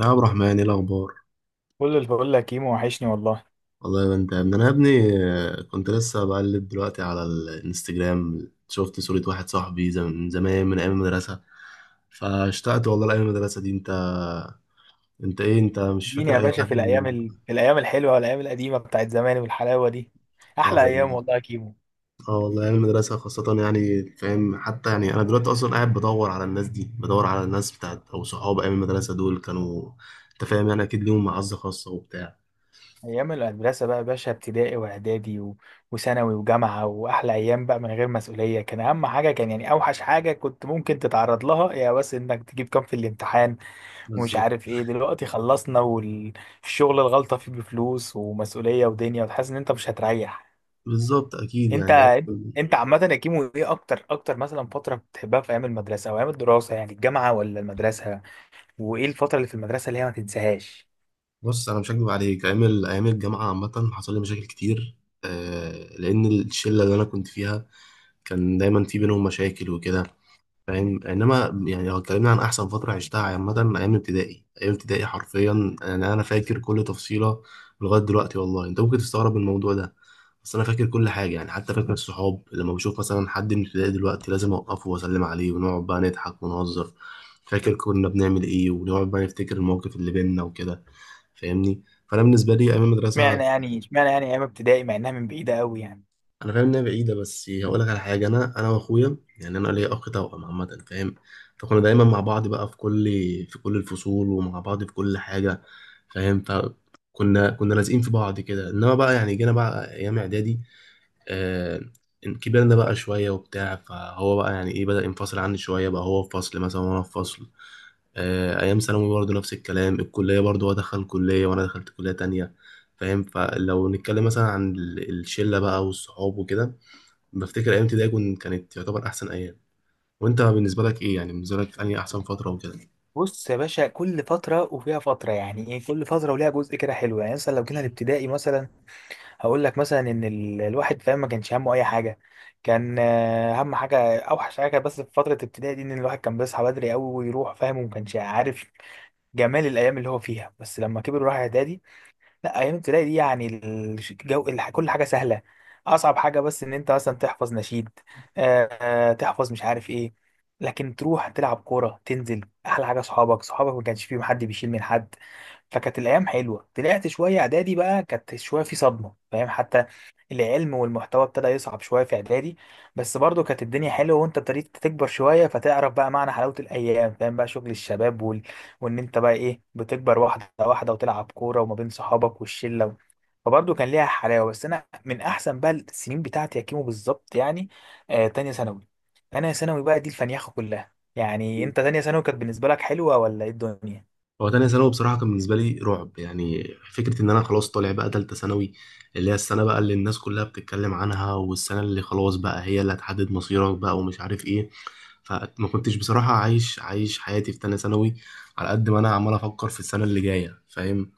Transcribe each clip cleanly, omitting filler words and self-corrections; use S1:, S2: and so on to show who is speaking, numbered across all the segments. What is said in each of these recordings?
S1: يا عبد الرحمن، ايه الاخبار؟
S2: كل الفل يا كيمو، وحشني والله.
S1: والله يا انت يا ابني، انا يا ابني. كنت لسه بقلب دلوقتي على الانستجرام، شفت صورة واحد صاحبي من زمان، من ايام المدرسة. فاشتقت والله لايام المدرسة دي. انت، انت ايه؟ انت مش
S2: اديني
S1: فاكر
S2: يا
S1: اي
S2: باشا في
S1: حد من؟
S2: في الايام الحلوه والايام القديمه بتاعت زمان والحلاوه دي،
S1: اه
S2: احلى ايام
S1: والله.
S2: والله يا كيمو.
S1: اه والله، ايام المدرسة خاصة يعني، فاهم؟ حتى يعني انا دلوقتي اصلا قاعد بدور على الناس دي، بدور على الناس بتاعت او صحاب ايام المدرسة دول كانوا. انت فاهم؟ يعني اكيد ليهم معزة خاصة وبتاع.
S2: ايام المدرسه بقى يا باشا، ابتدائي واعدادي وثانوي وجامعه، واحلى ايام بقى من غير مسؤوليه. كان اهم حاجه، كان يعني اوحش حاجه كنت ممكن تتعرض لها يا بس انك تجيب كام في الامتحان ومش
S1: بالظبط.
S2: عارف ايه. دلوقتي خلصنا، والشغل الغلطه فيه بفلوس ومسؤوليه ودنيا، وتحس ان انت مش هتريح.
S1: بالظبط اكيد
S2: انت
S1: يعني.
S2: انت عامة يا كيمو، ايه اكتر مثلا فترة بتحبها في ايام المدرسة او ايام الدراسة، يعني الجامعة ولا المدرسة؟ وايه الفترة اللي في المدرسة اللي هي ما تنساهاش؟
S1: بص، انا مش هكدب عليك، ايام الجامعه عامه حصل لي مشاكل كتير. لان الشله اللي انا كنت فيها كان دايما في بينهم مشاكل وكده، فاهم؟ انما يعني لو اتكلمنا عن احسن فتره عشتها عامه، ايام ابتدائي ايام ابتدائي حرفيا، انا فاكر كل تفصيله لغايه دلوقتي والله. انت ممكن تستغرب من الموضوع ده، بس انا فاكر كل حاجه يعني. حتى فاكر الصحاب، لما بشوف مثلا حد من ابتدائي دلوقتي لازم اوقفه واسلم عليه، ونقعد بقى نضحك ونهزر، فاكر كنا بنعمل ايه، ونقعد بقى نفتكر المواقف اللي بينا وكده. فاهمني؟ فانا بالنسبه لي ايام المدرسه.
S2: اشمعنى يعني ايام ابتدائي مع انها من بعيدة قوي يعني.
S1: انا فاهم انها بعيده، بس هقول لك على حاجه. انا واخويا يعني، انا ليا اخ توأم عامه، فاهم؟ فكنا دايما مع بعض بقى في كل، في كل الفصول، ومع بعض في كل حاجه، فاهم؟ فكنا لازقين في بعض كده. انما بقى يعني جينا بقى ايام اعدادي، آه، كبرنا بقى شويه وبتاع، فهو بقى يعني ايه، بدأ ينفصل عني شويه بقى، هو في فصل مثلا وانا في فصل. آه، ايام ثانوي برضه نفس الكلام، الكليه برضه هو دخل كليه وانا دخلت كليه تانية، فاهم؟ فلو نتكلم مثلا عن الشله بقى والصحاب وكده، بفتكر ايام ابتدائي كانت تعتبر احسن ايام. وانت بالنسبه لك ايه يعني؟ بالنسبه لك انهي احسن فتره وكده؟
S2: بص يا باشا، كل فترة وفيها فترة يعني ايه، كل فترة وليها جزء كده حلو. يعني مثلا لو جينا الابتدائي مثلا، هقول لك مثلا ان الواحد فاهم ما كانش همه اي حاجة. كان اهم حاجة اوحش حاجة بس في فترة الابتدائي دي ان الواحد كان بيصحى بدري قوي ويروح فاهم، وما كانش عارف جمال الايام اللي هو فيها. بس لما كبر وراح اعدادي، لا، ايام ابتدائي دي يعني كل حاجه سهله. اصعب حاجه بس ان انت مثلا تحفظ نشيد، تحفظ مش عارف ايه. لكن تروح تلعب كوره، تنزل. احلى حاجه صحابك، ما كانش فيهم حد بيشيل من حد. فكانت الايام حلوه. طلعت شويه اعدادي بقى، كانت شويه في صدمه فاهم حتى. العلم والمحتوى ابتدى يصعب شويه في اعدادي. بس برضو كانت الدنيا حلوه، وانت ابتديت تكبر شويه فتعرف بقى معنى حلاوه الايام فاهم، بقى شغل الشباب. وان انت بقى ايه بتكبر واحده واحده وتلعب كوره وما بين صحابك والشله، فبرضه كان ليها حلاوه. بس انا من احسن بقى السنين بتاعتي يا كيمو بالظبط يعني، تانية ثانوي. انا ثانوي بقى دي الفنيخه كلها. يعني انت، تانية ثانوي كانت بالنسبه لك حلوه، ولا ايه الدنيا؟
S1: هو تانية ثانوي بصراحة كان بالنسبة لي رعب يعني. فكرة إن أنا خلاص طالع بقى تالتة ثانوي، اللي هي السنة بقى اللي الناس كلها بتتكلم عنها، والسنة اللي خلاص بقى هي اللي هتحدد مصيرك بقى، ومش عارف إيه. فما كنتش بصراحة عايش، عايش حياتي في تانية ثانوي، على قد ما أنا عمال أفكر في السنة اللي جاية، فاهم؟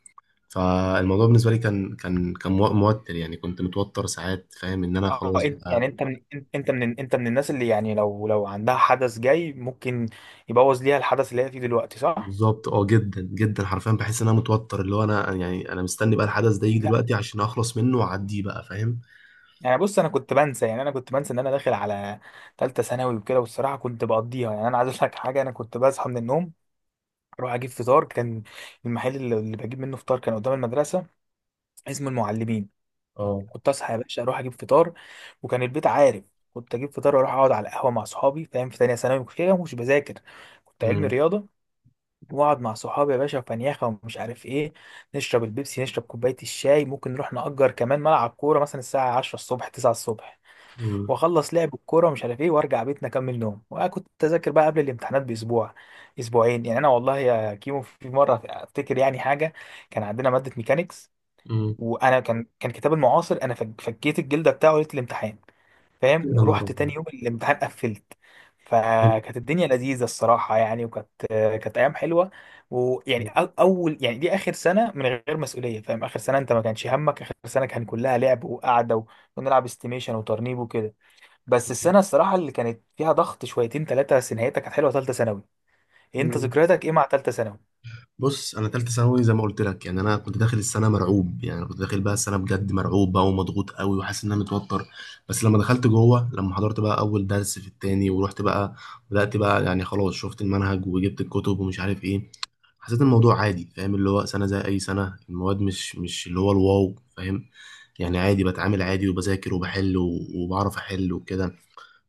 S1: فالموضوع بالنسبة لي كان، كان موتر يعني، كنت متوتر ساعات، فاهم؟ إن أنا
S2: اه،
S1: خلاص
S2: انت
S1: بقى.
S2: يعني انت من انت انت من انت من الناس اللي يعني لو عندها حدث جاي ممكن يبوظ ليها الحدث اللي هي فيه دلوقتي، صح؟
S1: بالظبط، اه جدا جدا حرفيا. بحس ان انا متوتر، اللي هو انا يعني انا مستني بقى الحدث ده يجي دلوقتي عشان اخلص منه واعديه بقى، فاهم؟
S2: يعني بص، انا كنت بنسى ان انا داخل على ثالثه ثانوي وكده، والصراحه كنت بقضيها. يعني انا عايز اقول لك حاجه، انا كنت بصحى من النوم، اروح اجيب فطار. كان المحل اللي بجيب منه فطار كان قدام المدرسه، اسمه المعلمين.
S1: اه.
S2: كنت اصحى يا باشا اروح اجيب فطار، وكان البيت عارف. كنت اجيب فطار واروح اقعد على القهوه مع صحابي فاهم. في ثانيه ثانوي كنت كده مش بذاكر، كنت علمي
S1: امم
S2: رياضه. واقعد مع صحابي يا باشا وفنيخه ومش عارف ايه، نشرب البيبسي، نشرب كوبايه الشاي. ممكن نروح نأجر كمان ملعب كوره مثلا الساعه 10 الصبح، 9 الصبح.
S1: امم
S2: واخلص لعب الكوره ومش عارف ايه، وارجع بيتنا اكمل نوم. وكنت اذاكر بقى قبل الامتحانات باسبوع اسبوعين. يعني انا والله يا كيمو في مره افتكر يعني حاجه، كان عندنا ماده ميكانيكس،
S1: امم.
S2: وانا كان كتاب المعاصر انا فكيت الجلده بتاعه ليله الامتحان فاهم.
S1: يا نهار
S2: ورحت
S1: أبيض.
S2: تاني يوم الامتحان قفلت. فكانت الدنيا لذيذه الصراحه يعني، كانت ايام حلوه. ويعني اول يعني دي اخر سنه من غير مسؤوليه فاهم. اخر سنه انت ما كانش همك، اخر سنه كان كلها لعب وقعده، ونلعب استيميشن وترنيب وكده. بس السنه الصراحه اللي كانت فيها ضغط شويتين ثلاثه، بس نهايتها كانت حلوه، ثالثه ثانوي. إيه، انت
S1: مم.
S2: ذكرياتك ايه مع ثالثه ثانوي؟
S1: بص، انا تالتة ثانوي زي ما قلت لك يعني، انا كنت داخل السنه مرعوب يعني، كنت داخل بقى السنه بجد مرعوب بقى، ومضغوط قوي، وحاسس ان انا متوتر. بس لما دخلت جوه، لما حضرت بقى اول درس في التاني، ورحت بقى، بدات بقى يعني خلاص، شفت المنهج وجبت الكتب ومش عارف ايه، حسيت الموضوع عادي، فاهم؟ اللي هو سنة زي أي سنة، المواد مش، مش اللي هو الواو، فاهم؟ يعني عادي، بتعامل عادي وبذاكر وبحل وبعرف أحل وكده.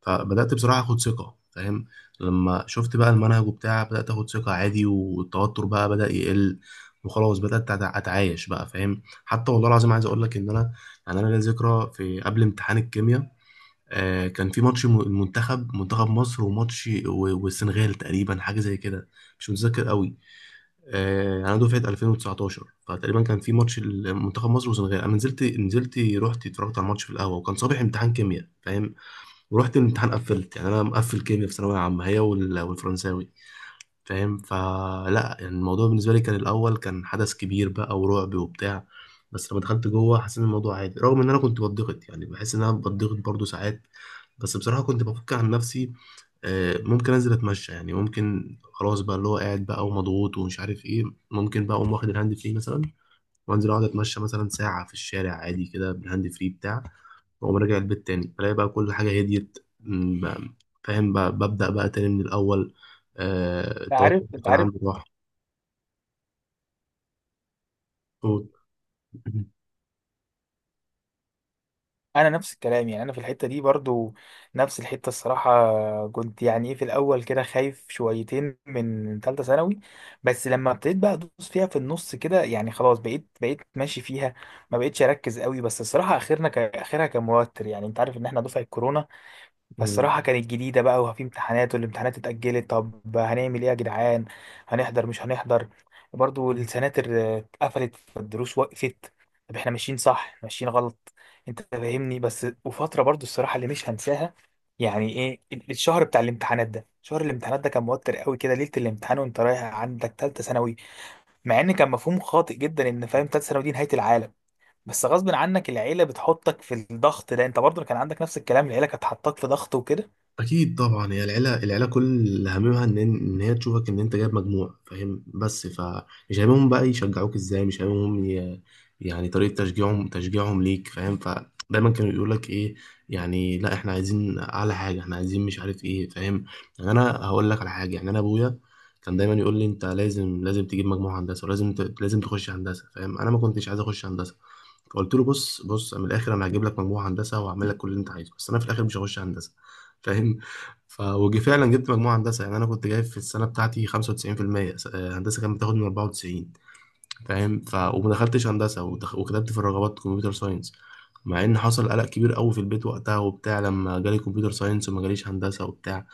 S1: فبدأت بصراحة أخد ثقة، فاهم؟ لما شفت بقى المنهج وبتاع بدأت أخد ثقة عادي، والتوتر بقى بدأ يقل، وخلاص بدأت أتعايش بقى، فاهم؟ حتى والله العظيم عايز أقول لك إن أنا، يعني أنا ليا ذكرى في قبل امتحان الكيمياء. كان في ماتش المنتخب، منتخب مصر، وماتش والسنغال تقريبا، حاجة زي كده. مش متذكر قوي. انا دفعه 2019، فتقريبا كان في ماتش منتخب مصر والسنغال. انا نزلت، نزلت رحت اتفرجت على الماتش في القهوه، وكان صباح امتحان كيمياء، فاهم؟ ورحت الامتحان قفلت. يعني انا مقفل كيمياء في ثانويه عامه، هي والفرنساوي، فاهم؟ فلا يعني الموضوع بالنسبه لي كان الاول كان حدث كبير بقى، ورعب وبتاع، بس لما دخلت جوه حسيت إن الموضوع عادي، رغم ان انا كنت بتضغط يعني، بحس ان انا بتضغط برضو ساعات، بس بصراحه كنت بفك عن نفسي. ممكن انزل اتمشى يعني، ممكن خلاص بقى اللي هو قاعد بقى ومضغوط ومش عارف ايه، ممكن بقى اقوم واخد الهاند فري مثلا، وانزل اقعد اتمشى مثلا ساعه في الشارع عادي كده بالهاند فري بتاع واقوم راجع البيت تاني بلاقي بقى كل حاجة هديت، فاهم؟ بقى ببدأ بقى تاني من الأول، آه، التوتر اللي
S2: انت
S1: كان
S2: عارف،
S1: عندي راح.
S2: انا نفس الكلام. يعني انا في الحته دي برضو نفس الحته الصراحه، كنت يعني ايه في الاول كده خايف شويتين من ثالثه ثانوي. بس لما ابتديت بقى ادوس فيها في النص كده، يعني خلاص بقيت ماشي فيها، ما بقيتش اركز قوي. بس الصراحه اخرنا اخرها كان موتر. يعني انت عارف ان احنا دفعه كورونا.
S1: أوه.
S2: فالصراحة كانت جديدة بقى، وفي امتحانات، والامتحانات اتأجلت. طب هنعمل ايه يا جدعان؟ هنحضر مش هنحضر؟ برضو السناتر اتقفلت، فالدروس وقفت. طب احنا ماشيين صح ماشيين غلط؟ انت فاهمني. بس وفترة برضو الصراحة اللي مش هنساها، يعني ايه، الشهر بتاع الامتحانات ده، شهر الامتحانات ده كان موتر قوي كده. ليلة الامتحان وانت رايح عندك تالتة ثانوي، مع ان كان مفهوم خاطئ جدا، ان فاهم تالتة ثانوي دي نهاية العالم. بس غصب عنك العيلة بتحطك في الضغط ده. انت برضو كان عندك نفس الكلام، العيلة كانت حطاك في ضغط وكده.
S1: اكيد طبعا، هي العيله، العيله كل هممها ان، ان هي تشوفك ان انت جايب مجموع، فاهم؟ بس فمش هممهم بقى يشجعوك ازاي، مش هممهم يعني طريقه تشجيعهم، تشجيعهم ليك، فاهم؟ فدايما كانوا يقول لك ايه يعني، لا احنا عايزين اعلى حاجه، احنا عايزين مش عارف ايه، فاهم؟ يعني انا هقول لك على حاجه، يعني انا ابويا كان دايما يقول لي انت لازم، لازم تجيب مجموع هندسه، ولازم لازم تخش هندسه، فاهم؟ انا ما كنتش عايز اخش هندسه. فقلت له بص، بص من الاخر، انا هجيب لك مجموعه هندسه وهعمل لك كل اللي انت عايزه، بس انا في الاخر مش هخش هندسه، فاهم؟ ف، وجي فعلا جبت مجموعه هندسه، يعني انا كنت جايب في السنه بتاعتي 95%. هندسه كانت بتاخد من 94، فاهم؟ ف وما دخلتش هندسه، وكتبت في الرغبات كمبيوتر ساينس. مع ان حصل قلق كبير قوي في البيت وقتها وبتاع، لما جالي كمبيوتر ساينس وما جاليش هندسه وبتاع،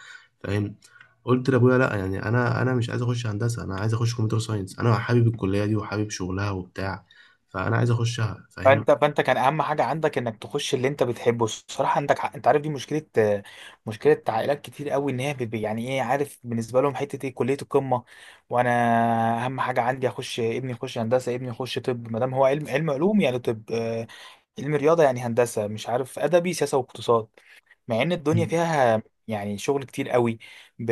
S1: فاهم؟ قلت لابويا لا يعني، انا انا مش عايز اخش هندسه، انا عايز اخش كمبيوتر ساينس، انا حابب الكليه دي، وحابب شغلها وبتاع، فانا عايز اخشها، فاهم؟
S2: فانت كان اهم حاجه عندك انك تخش اللي انت بتحبه. الصراحه عندك حق. انت عارف دي مشكله، مشكله عائلات كتير قوي، ان هي يعني ايه، عارف بالنسبه لهم حته ايه، كليه القمه. وانا اهم حاجه عندي اخش ابني، يخش هندسه، ابني يخش طب، ما دام هو علم، علم علوم يعني، طب علم رياضه يعني هندسه، مش عارف ادبي سياسه واقتصاد. مع ان الدنيا
S1: مم.
S2: فيها يعني شغل كتير قوي ب...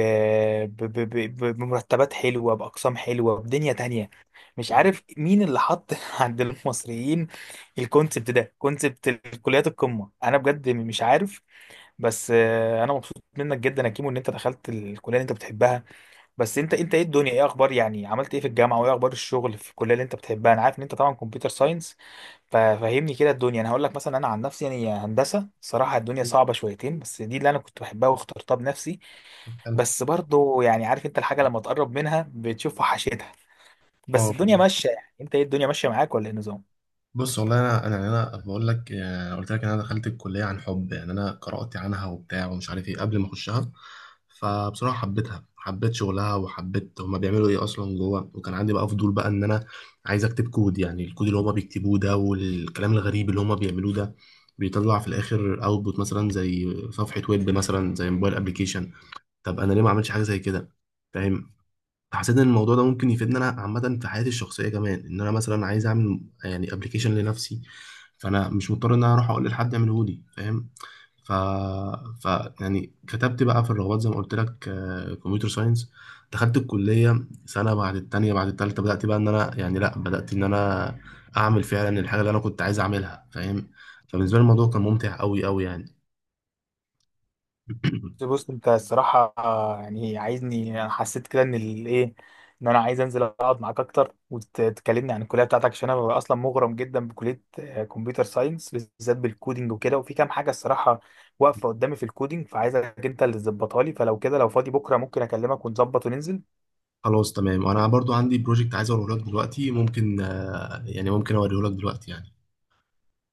S2: بمرتبات حلوة، بأقسام حلوة، بدنيا تانية. مش عارف مين اللي حط عند المصريين الكونسبت ده، كونسبت الكليات القمة. انا بجد مش عارف. بس انا مبسوط منك جدا يا كيمو ان انت دخلت الكلية اللي انت بتحبها. بس انت ايه الدنيا، ايه اخبار؟ يعني عملت ايه في الجامعة؟ وايه اخبار الشغل في الكلية اللي انت بتحبها؟ انا عارف ان انت طبعا كمبيوتر ساينس، ففهمني كده الدنيا. انا هقول لك مثلا، انا عن نفسي يعني هندسه، صراحه الدنيا صعبه شويتين، بس دي اللي انا كنت بحبها واخترتها بنفسي.
S1: حلو.
S2: بس برضو يعني عارف انت، الحاجه لما تقرب منها بتشوف وحشتها. بس
S1: اه
S2: الدنيا
S1: بالظبط.
S2: ماشيه. يعني انت ايه، الدنيا ماشيه معاك ولا ايه النظام؟
S1: بص والله، انا انا يعني انا بقول لك يعني، قلت لك إن انا دخلت الكليه عن حب، يعني انا قرات عنها وبتاع ومش عارف ايه قبل ما اخشها، فبصراحه حبيتها، حبيت شغلها، وحبيت هما بيعملوا ايه اصلا جوه. وكان عندي بقى فضول بقى ان انا عايز اكتب كود، يعني الكود اللي هما بيكتبوه ده، والكلام الغريب اللي هما بيعملوه ده، بيطلع في الاخر اوتبوت مثلا زي صفحه ويب، مثلا زي موبايل ابلكيشن. طب انا ليه ما عملتش حاجه زي كده، فاهم؟ حسيت ان الموضوع ده ممكن يفيدني انا عامه في حياتي الشخصيه كمان، ان انا مثلا عايز اعمل يعني ابلكيشن لنفسي، فانا مش مضطر ان انا اروح اقول لحد يعمله لي، فاهم؟ ف... ف، يعني كتبت بقى في الرغبات زي ما قلت لك كمبيوتر ساينس. دخلت الكليه سنه بعد التانيه بعد التالته، بدات بقى ان انا يعني، لا بدات ان انا اعمل فعلا الحاجه اللي انا كنت عايز اعملها، فاهم؟ فبالنسبه لي الموضوع كان ممتع قوي قوي يعني.
S2: بص انت الصراحة، يعني عايزني، انا حسيت كده ان الايه، ان انا عايز انزل اقعد معاك اكتر وتكلمني عن الكلية بتاعتك، عشان انا ببقى اصلا مغرم جدا بكلية كمبيوتر ساينس بالذات، بالكودينج وكده. وفي كام حاجة الصراحة واقفة قدامي في الكودينج، فعايزك انت اللي تظبطها لي. فلو كده، لو فاضي بكرة، ممكن اكلمك ونظبط وننزل.
S1: خلاص تمام، وانا برضو عندي بروجكت عايز اوريه لك دلوقتي، ممكن، يعني ممكن اوريه لك دلوقتي يعني.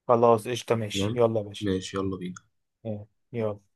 S2: خلاص، قشطة، ماشي،
S1: تمام،
S2: يلا يا باشا.
S1: ماشي يلا بينا.
S2: اه، يلا.